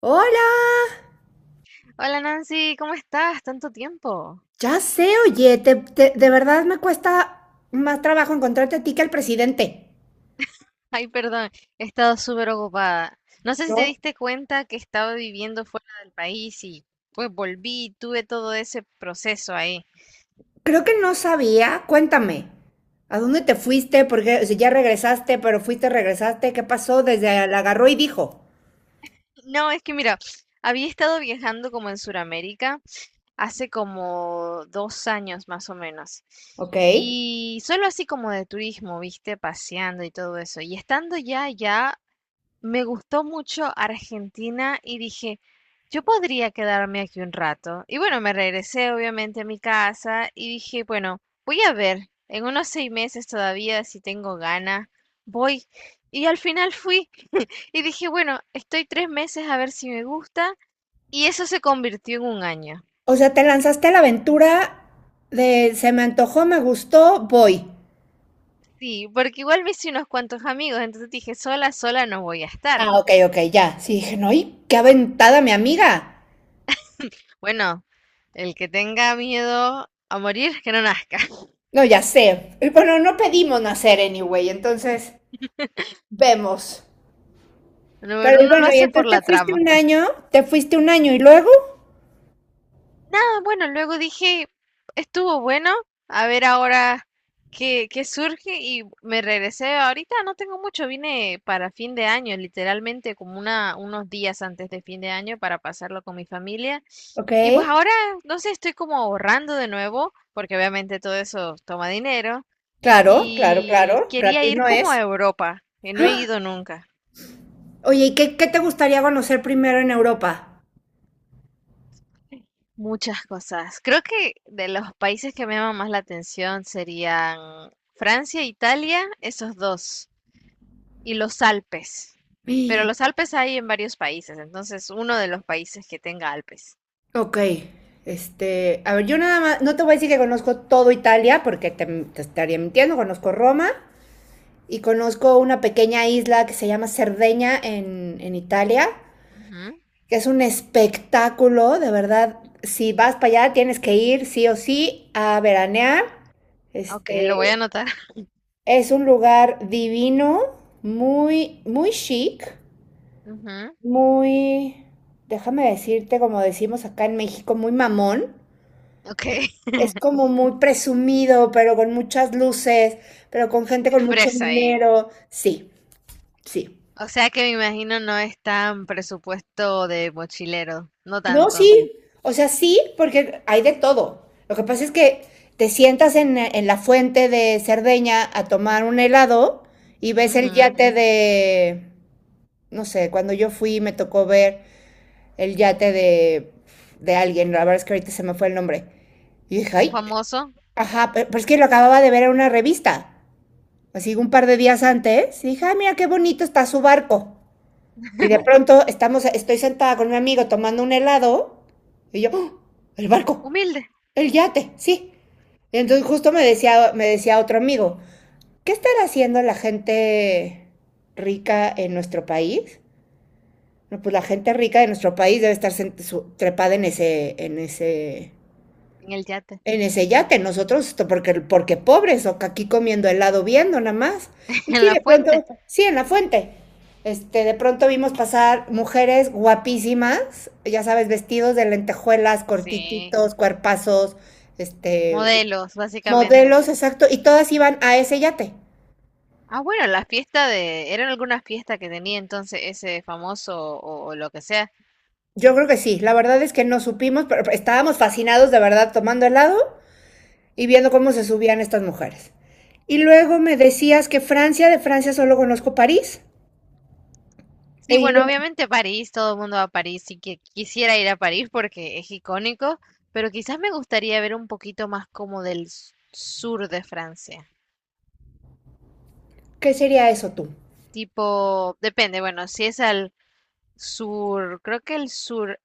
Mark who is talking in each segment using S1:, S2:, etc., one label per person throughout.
S1: Hola,
S2: Hola Nancy, ¿cómo estás? Tanto tiempo.
S1: ya sé, oye, de verdad me cuesta más trabajo encontrarte a ti que al presidente.
S2: Ay, perdón, he estado súper ocupada. No sé si te
S1: No.
S2: diste cuenta que estaba viviendo fuera del país y pues volví, y tuve todo ese proceso ahí.
S1: Creo que no sabía, cuéntame, ¿a dónde te fuiste? Porque, o ya regresaste, pero fuiste, regresaste, ¿qué pasó? Desde la agarró y dijo.
S2: No, es que mira, había estado viajando como en Sudamérica hace como 2 años más o menos.
S1: Ok.
S2: Y solo así como de turismo, viste, paseando y todo eso. Y estando ya allá, me gustó mucho Argentina y dije, yo podría quedarme aquí un rato. Y bueno, me regresé obviamente a mi casa y dije, bueno, voy a ver, en unos 6 meses todavía, si tengo ganas, voy. Y al final fui y dije, bueno, estoy 3 meses a ver si me gusta. Y eso se convirtió en un año.
S1: O sea, te lanzaste a la aventura de se me antojó, me gustó, voy.
S2: Sí, porque igual me hice unos cuantos amigos, entonces dije, sola no voy a estar.
S1: Ah, ok, ok, ya. Sí, dije, no, y qué aventada mi amiga.
S2: Bueno, el que tenga miedo a morir, que no nazca.
S1: No, ya sé. Bueno, no pedimos nacer anyway, entonces vemos.
S2: No, pero
S1: Pero y
S2: uno lo
S1: bueno, y
S2: hace por
S1: entonces te
S2: la
S1: fuiste
S2: trama.
S1: un año, te fuiste un año y luego,
S2: Nada, bueno, luego dije, estuvo bueno, a ver ahora qué surge y me regresé ahorita, no tengo mucho, vine para fin de año, literalmente como unos días antes de fin de año para pasarlo con mi familia.
S1: ok,
S2: Y pues ahora, no sé, estoy como ahorrando de nuevo, porque obviamente todo eso toma dinero,
S1: claro, claro,
S2: y
S1: claro,
S2: quería
S1: gratis
S2: ir
S1: no
S2: como a
S1: es.
S2: Europa, que no he
S1: ¡Ah!
S2: ido nunca.
S1: Oye, ¿y qué, qué te gustaría conocer primero en Europa?
S2: Muchas cosas. Creo que de los países que me llaman más la atención serían Francia, Italia, esos dos, y los Alpes.
S1: ¡Ah!
S2: Pero los Alpes hay en varios países, entonces uno de los países que tenga Alpes.
S1: Ok, este, a ver, yo nada más, no te voy a decir que conozco todo Italia, porque te estaría mintiendo, conozco Roma y conozco una pequeña isla que se llama Cerdeña en Italia,
S2: Ujú.
S1: que es un espectáculo, de verdad. Si vas para allá, tienes que ir sí o sí a veranear.
S2: Ok, lo voy a
S1: Este
S2: anotar.
S1: es un lugar divino, muy, muy chic,
S2: Ujú.
S1: muy, déjame decirte, como decimos acá en México, muy mamón.
S2: Ok.
S1: Es como muy presumido, pero con muchas luces, pero con gente
S2: Muy
S1: con mucho
S2: fresa ahí.
S1: dinero. Sí, sí.
S2: O sea que me imagino no es tan presupuesto de mochilero, no
S1: No,
S2: tanto.
S1: sí, o sea, sí, porque hay de todo. Lo que pasa es que te sientas en la fuente de Cerdeña a tomar un helado y ves el
S2: Ujú.
S1: yate de, no sé, cuando yo fui me tocó ver el yate de alguien, la verdad es que ahorita se me fue el nombre. Y dije,
S2: Un
S1: ay,
S2: famoso.
S1: ajá, pero, es que lo acababa de ver en una revista, así un par de días antes, y dije, ah, mira qué bonito está su barco. Y de pronto estoy sentada con mi amigo tomando un helado y yo, ¡oh! El barco.
S2: Humilde.
S1: El yate, sí. Y entonces justo me decía otro amigo, ¿qué estará haciendo la gente rica en nuestro país? No, pues la gente rica de nuestro país debe estar trepada en ese,
S2: En el yate.
S1: en ese yate. Nosotros, esto porque, porque pobres, o que aquí comiendo helado viendo nada más. Y
S2: En
S1: sí,
S2: la
S1: de pronto,
S2: fuente.
S1: sí, en la fuente. Este, de pronto vimos pasar mujeres guapísimas, ya sabes, vestidos de lentejuelas,
S2: Sí.
S1: cortititos, cuerpazos, este,
S2: Modelos, básicamente.
S1: modelos, exacto, y todas iban a ese yate.
S2: Ah, bueno, la fiesta de... ¿Era alguna fiesta que tenía entonces ese famoso o lo que sea?
S1: Yo creo que sí, la verdad es que no supimos, pero estábamos fascinados de verdad tomando helado y viendo cómo se subían estas mujeres. Y luego me decías que Francia, de Francia solo conozco París. He
S2: Sí, bueno,
S1: ido.
S2: obviamente París, todo el mundo va a París y que quisiera ir a París porque es icónico, pero quizás me gustaría ver un poquito más como del sur de Francia.
S1: ¿Qué sería eso tú?
S2: Tipo, depende, bueno, si es al sur, creo que el sur,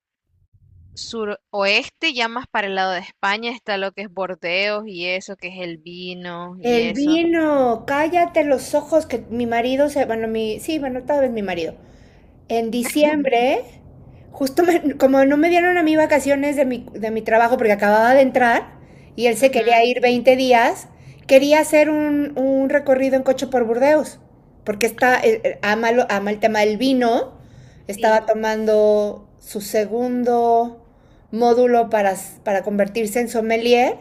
S2: suroeste, ya más para el lado de España está lo que es Bordeaux y eso, que es el vino y
S1: El
S2: eso.
S1: vino, cállate los ojos que mi marido se, bueno, mi, sí, bueno, tal vez mi marido. En diciembre, justo como no me dieron a mí vacaciones de mi trabajo porque acababa de entrar y él se quería
S2: Ujú.
S1: ir 20 días, quería hacer un recorrido en coche por Burdeos, porque está, ama, ama el tema del vino,
S2: Sí.
S1: estaba tomando su segundo módulo para, para convertirse en sommelier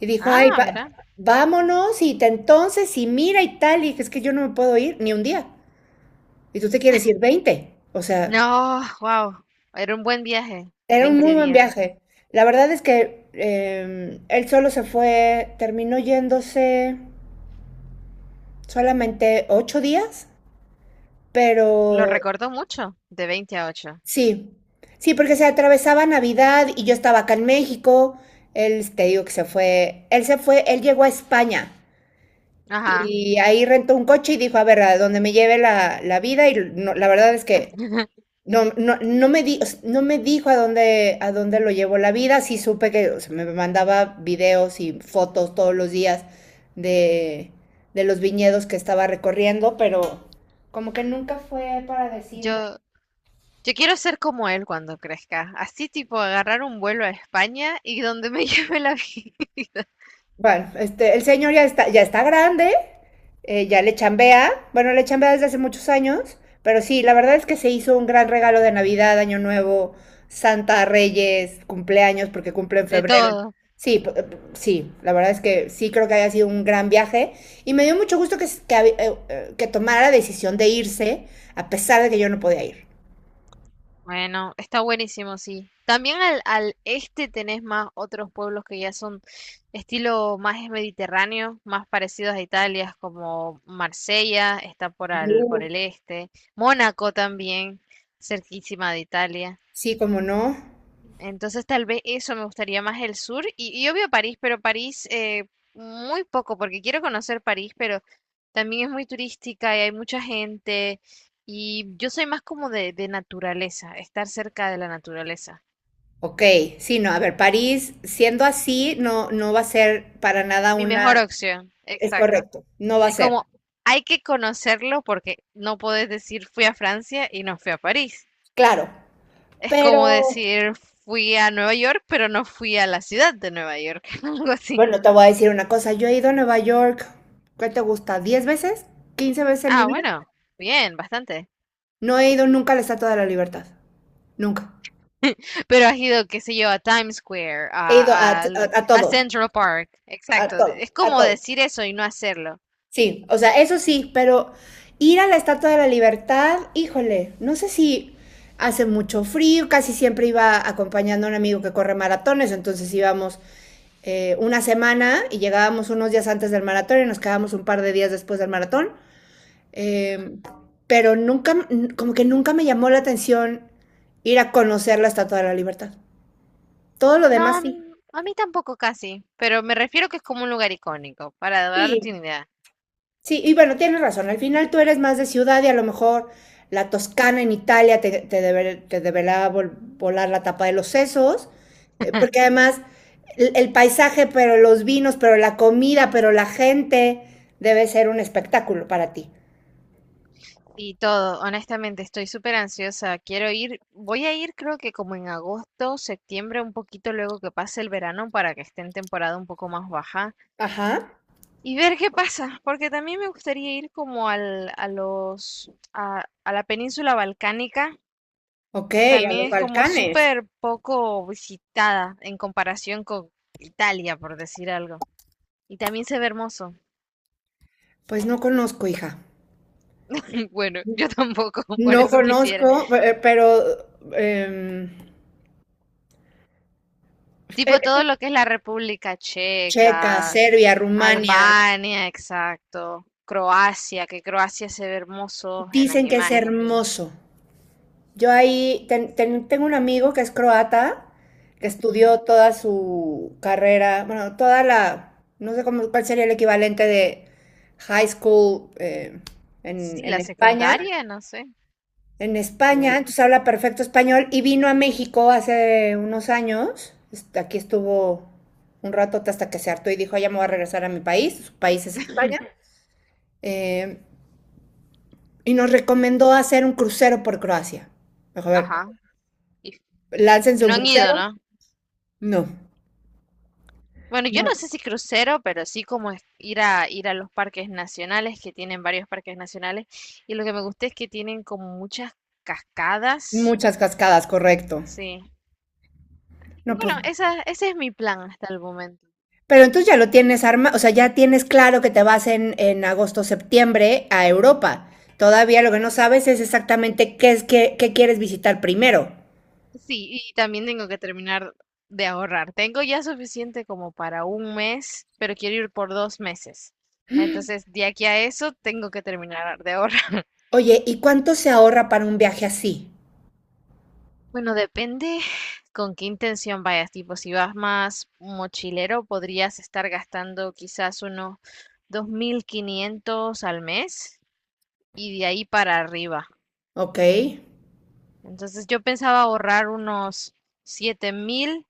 S1: y dijo, ay,
S2: Ah, mira.
S1: vámonos y entonces y mira y tal, y dije, es que yo no me puedo ir ni un día y tú te quieres ir 20 o sea...
S2: No, wow. Era un buen viaje.
S1: Era un
S2: veinte
S1: muy buen
S2: días.
S1: viaje. La verdad es que él solo se fue, terminó yéndose solamente 8 días,
S2: Lo
S1: pero
S2: recuerdo mucho, de 20 a 8.
S1: sí, sí, porque se atravesaba Navidad y yo estaba acá en México. Él, te digo que se fue, él llegó a España
S2: Ajá.
S1: y ahí rentó un coche y dijo, a ver, a donde me lleve la, la vida y la verdad es que no, no, no o sea, no me dijo a dónde lo llevó la vida. Sí supe que o sea, me mandaba videos y fotos todos los días de, de los viñedos que estaba recorriendo, pero como que nunca fue para decirme.
S2: Yo, yo quiero ser como él cuando crezca. Así tipo agarrar un vuelo a España y donde me lleve la vida.
S1: Bueno, este, el señor ya está grande, ya le chambea, bueno, le chambea desde hace muchos años, pero sí, la verdad es que se hizo un gran regalo de Navidad, Año Nuevo, Santa, Reyes, cumpleaños, porque cumple en
S2: De
S1: febrero.
S2: todo.
S1: Sí, sí, la verdad es que sí creo que haya sido un gran viaje y me dio mucho gusto que, que tomara la decisión de irse a pesar de que yo no podía ir.
S2: Bueno, está buenísimo, sí. También al este tenés más otros pueblos que ya son estilo más mediterráneo, más parecidos a Italia, como Marsella, está por
S1: Uh.
S2: el este, Mónaco también, cerquísima de Italia.
S1: Sí, cómo no.
S2: Entonces tal vez eso me gustaría más el sur y obvio París, pero París muy poco porque quiero conocer París, pero también es muy turística y hay mucha gente y yo soy más como de naturaleza, estar cerca de la naturaleza.
S1: Ok, sí, no, a ver, París, siendo así, no, no va a ser para nada
S2: Mi mejor
S1: una,
S2: opción,
S1: es
S2: exacto.
S1: correcto, no va a
S2: Es
S1: ser.
S2: como hay que conocerlo porque no podés decir fui a Francia y no fui a París.
S1: Claro,
S2: Es
S1: pero
S2: como decir fui a Nueva York pero no fui a la ciudad de Nueva York, algo así.
S1: bueno, te voy a decir una cosa. Yo he ido a Nueva York, ¿qué te gusta? ¿10 veces? ¿15 veces en mi
S2: Ah,
S1: vida?
S2: bueno, bien, bastante.
S1: No he ido nunca a la Estatua de la Libertad. Nunca.
S2: Pero has ido, qué sé yo, a Times Square,
S1: He ido a, a
S2: a
S1: todo,
S2: Central Park.
S1: a
S2: Exacto.
S1: todo,
S2: Es
S1: a
S2: como
S1: todo.
S2: decir eso y no hacerlo.
S1: Sí, o sea, eso sí, pero ir a la Estatua de la Libertad, híjole, no sé si hace mucho frío, casi siempre iba acompañando a un amigo que corre maratones, entonces íbamos una semana y llegábamos unos días antes del maratón y nos quedábamos un par de días después del maratón. Eh, pero nunca, como que nunca me llamó la atención ir a conocer la Estatua de la Libertad. Todo lo demás
S2: No,
S1: sí.
S2: a mí tampoco casi, pero me refiero que es como un lugar icónico, para darte
S1: Sí,
S2: una idea.
S1: sí, y bueno, tienes razón. Al final tú eres más de ciudad y a lo mejor la Toscana en Italia te deberá volar la tapa de los sesos, porque además el paisaje, pero los vinos, pero la comida, pero la gente debe ser un espectáculo para ti.
S2: Y todo, honestamente, estoy súper ansiosa. Quiero ir, voy a ir creo que como en agosto, septiembre, un poquito luego que pase el verano para que esté en temporada un poco más baja
S1: Ajá,
S2: y ver qué pasa, porque también me gustaría ir como al, a los, a la península balcánica,
S1: ok,
S2: que
S1: a
S2: también
S1: los
S2: es como
S1: Balcanes.
S2: súper poco visitada en comparación con Italia, por decir algo. Y también se ve hermoso.
S1: Pues no conozco, hija.
S2: Bueno, yo tampoco, por
S1: No
S2: eso quisiera.
S1: conozco, pero em,
S2: Tipo
S1: eh,
S2: todo
S1: eh,
S2: lo que es la República
S1: Checa,
S2: Checa,
S1: Serbia, Rumania,
S2: Albania, exacto, Croacia, que Croacia se ve hermoso en las
S1: dicen que es
S2: imágenes.
S1: hermoso. Yo ahí tengo un amigo que es croata, que
S2: Ujú.
S1: estudió toda su carrera, bueno, toda la, no sé cómo, cuál sería el equivalente de high school
S2: Sí,
S1: en
S2: la
S1: España.
S2: secundaria, no sé.
S1: En España, entonces habla perfecto español y vino a México hace unos años. Aquí estuvo un rato hasta que se hartó y dijo, "Ah, ya me voy a regresar a mi país", su país es España. Eh, y nos recomendó hacer un crucero por Croacia. Me dijo, a ver,
S2: Ajá. Y
S1: láncense un
S2: no han ido,
S1: crucero.
S2: ¿no?
S1: No,
S2: Bueno, yo
S1: no,
S2: no sé si crucero, pero sí como ir a los parques nacionales, que tienen varios parques nacionales, y lo que me gusta es que tienen como muchas cascadas.
S1: muchas cascadas, correcto.
S2: Sí. Y
S1: No, pues
S2: bueno, ese es mi plan hasta el momento.
S1: pero entonces ya lo tienes arma, o sea, ya tienes claro que te vas en agosto, septiembre a Europa. Todavía lo que
S2: Sí.
S1: no sabes es exactamente qué es qué, qué quieres visitar primero.
S2: Sí, y también tengo que terminar de ahorrar. Tengo ya suficiente como para un mes, pero quiero ir por 2 meses. Entonces, de aquí a eso, tengo que terminar de ahorrar.
S1: Oye, ¿y cuánto se ahorra para un viaje así?
S2: Bueno, depende con qué intención vayas. Tipo, si vas más mochilero, podrías estar gastando quizás unos 2500 al mes y de ahí para arriba.
S1: Ok.
S2: Entonces, yo pensaba ahorrar unos 7000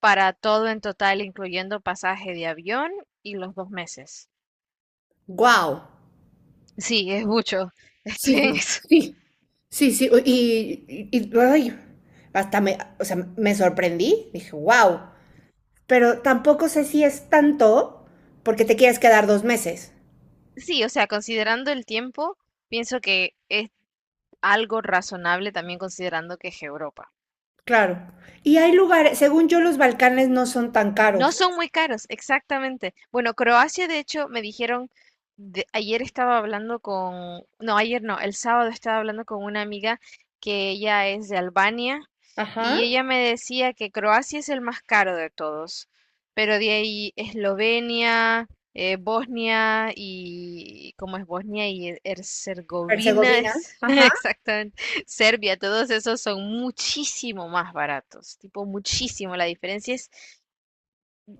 S2: para todo en total, incluyendo pasaje de avión y los 2 meses.
S1: Wow.
S2: Sí, es mucho.
S1: Sí,
S2: Estoy
S1: sí,
S2: en eso.
S1: sí. Sí, sí, ay, hasta me, o sea, me sorprendí, dije, wow, pero tampoco sé si es tanto porque te quieres quedar 2 meses.
S2: Sí, o sea, considerando el tiempo, pienso que es algo razonable también considerando que es Europa.
S1: Claro. Y hay lugares, según yo, los Balcanes no son tan
S2: No
S1: caros.
S2: son muy caros, exactamente. Bueno, Croacia, de hecho, me dijeron, ayer estaba hablando con, no, ayer no, el sábado estaba hablando con una amiga que ella es de Albania
S1: Ajá.
S2: y ella me decía que Croacia es el más caro de todos, pero de ahí Eslovenia, Bosnia y, ¿cómo es Bosnia? Y Herzegovina,
S1: Herzegovina.
S2: es,
S1: Ajá.
S2: exactamente, Serbia, todos esos son muchísimo más baratos, tipo muchísimo, la diferencia es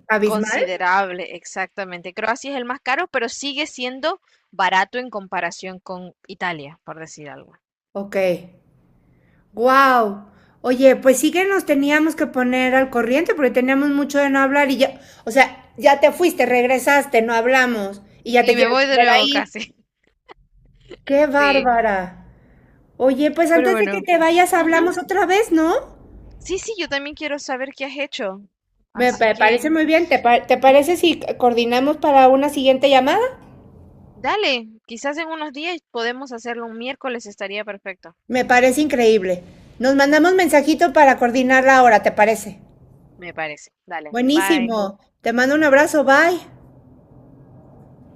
S1: Abismal.
S2: considerable, exactamente. Croacia es el más caro, pero sigue siendo barato en comparación con Italia, por decir algo.
S1: Ok. Wow. Oye, pues sí que nos teníamos que poner al corriente porque teníamos mucho de no hablar y ya, o sea, ya te fuiste, regresaste, no hablamos y ya te
S2: Y me
S1: quieres
S2: voy de
S1: volver a
S2: nuevo
S1: ir.
S2: casi.
S1: ¡Qué
S2: Sí,
S1: bárbara! Oye, pues
S2: pero
S1: antes de que
S2: bueno.
S1: te vayas
S2: Ujú.
S1: hablamos otra vez, ¿no?
S2: Sí, sí, yo también quiero saber qué has hecho. Así
S1: Parece
S2: que
S1: muy bien. ¿Te, te parece si coordinamos para una siguiente llamada?
S2: dale, quizás en unos días podemos hacerlo un miércoles, estaría perfecto,
S1: Me parece increíble. Nos mandamos mensajito para coordinar la hora, ¿te parece?
S2: me parece. Dale, bye.
S1: Buenísimo. Te mando un abrazo, bye.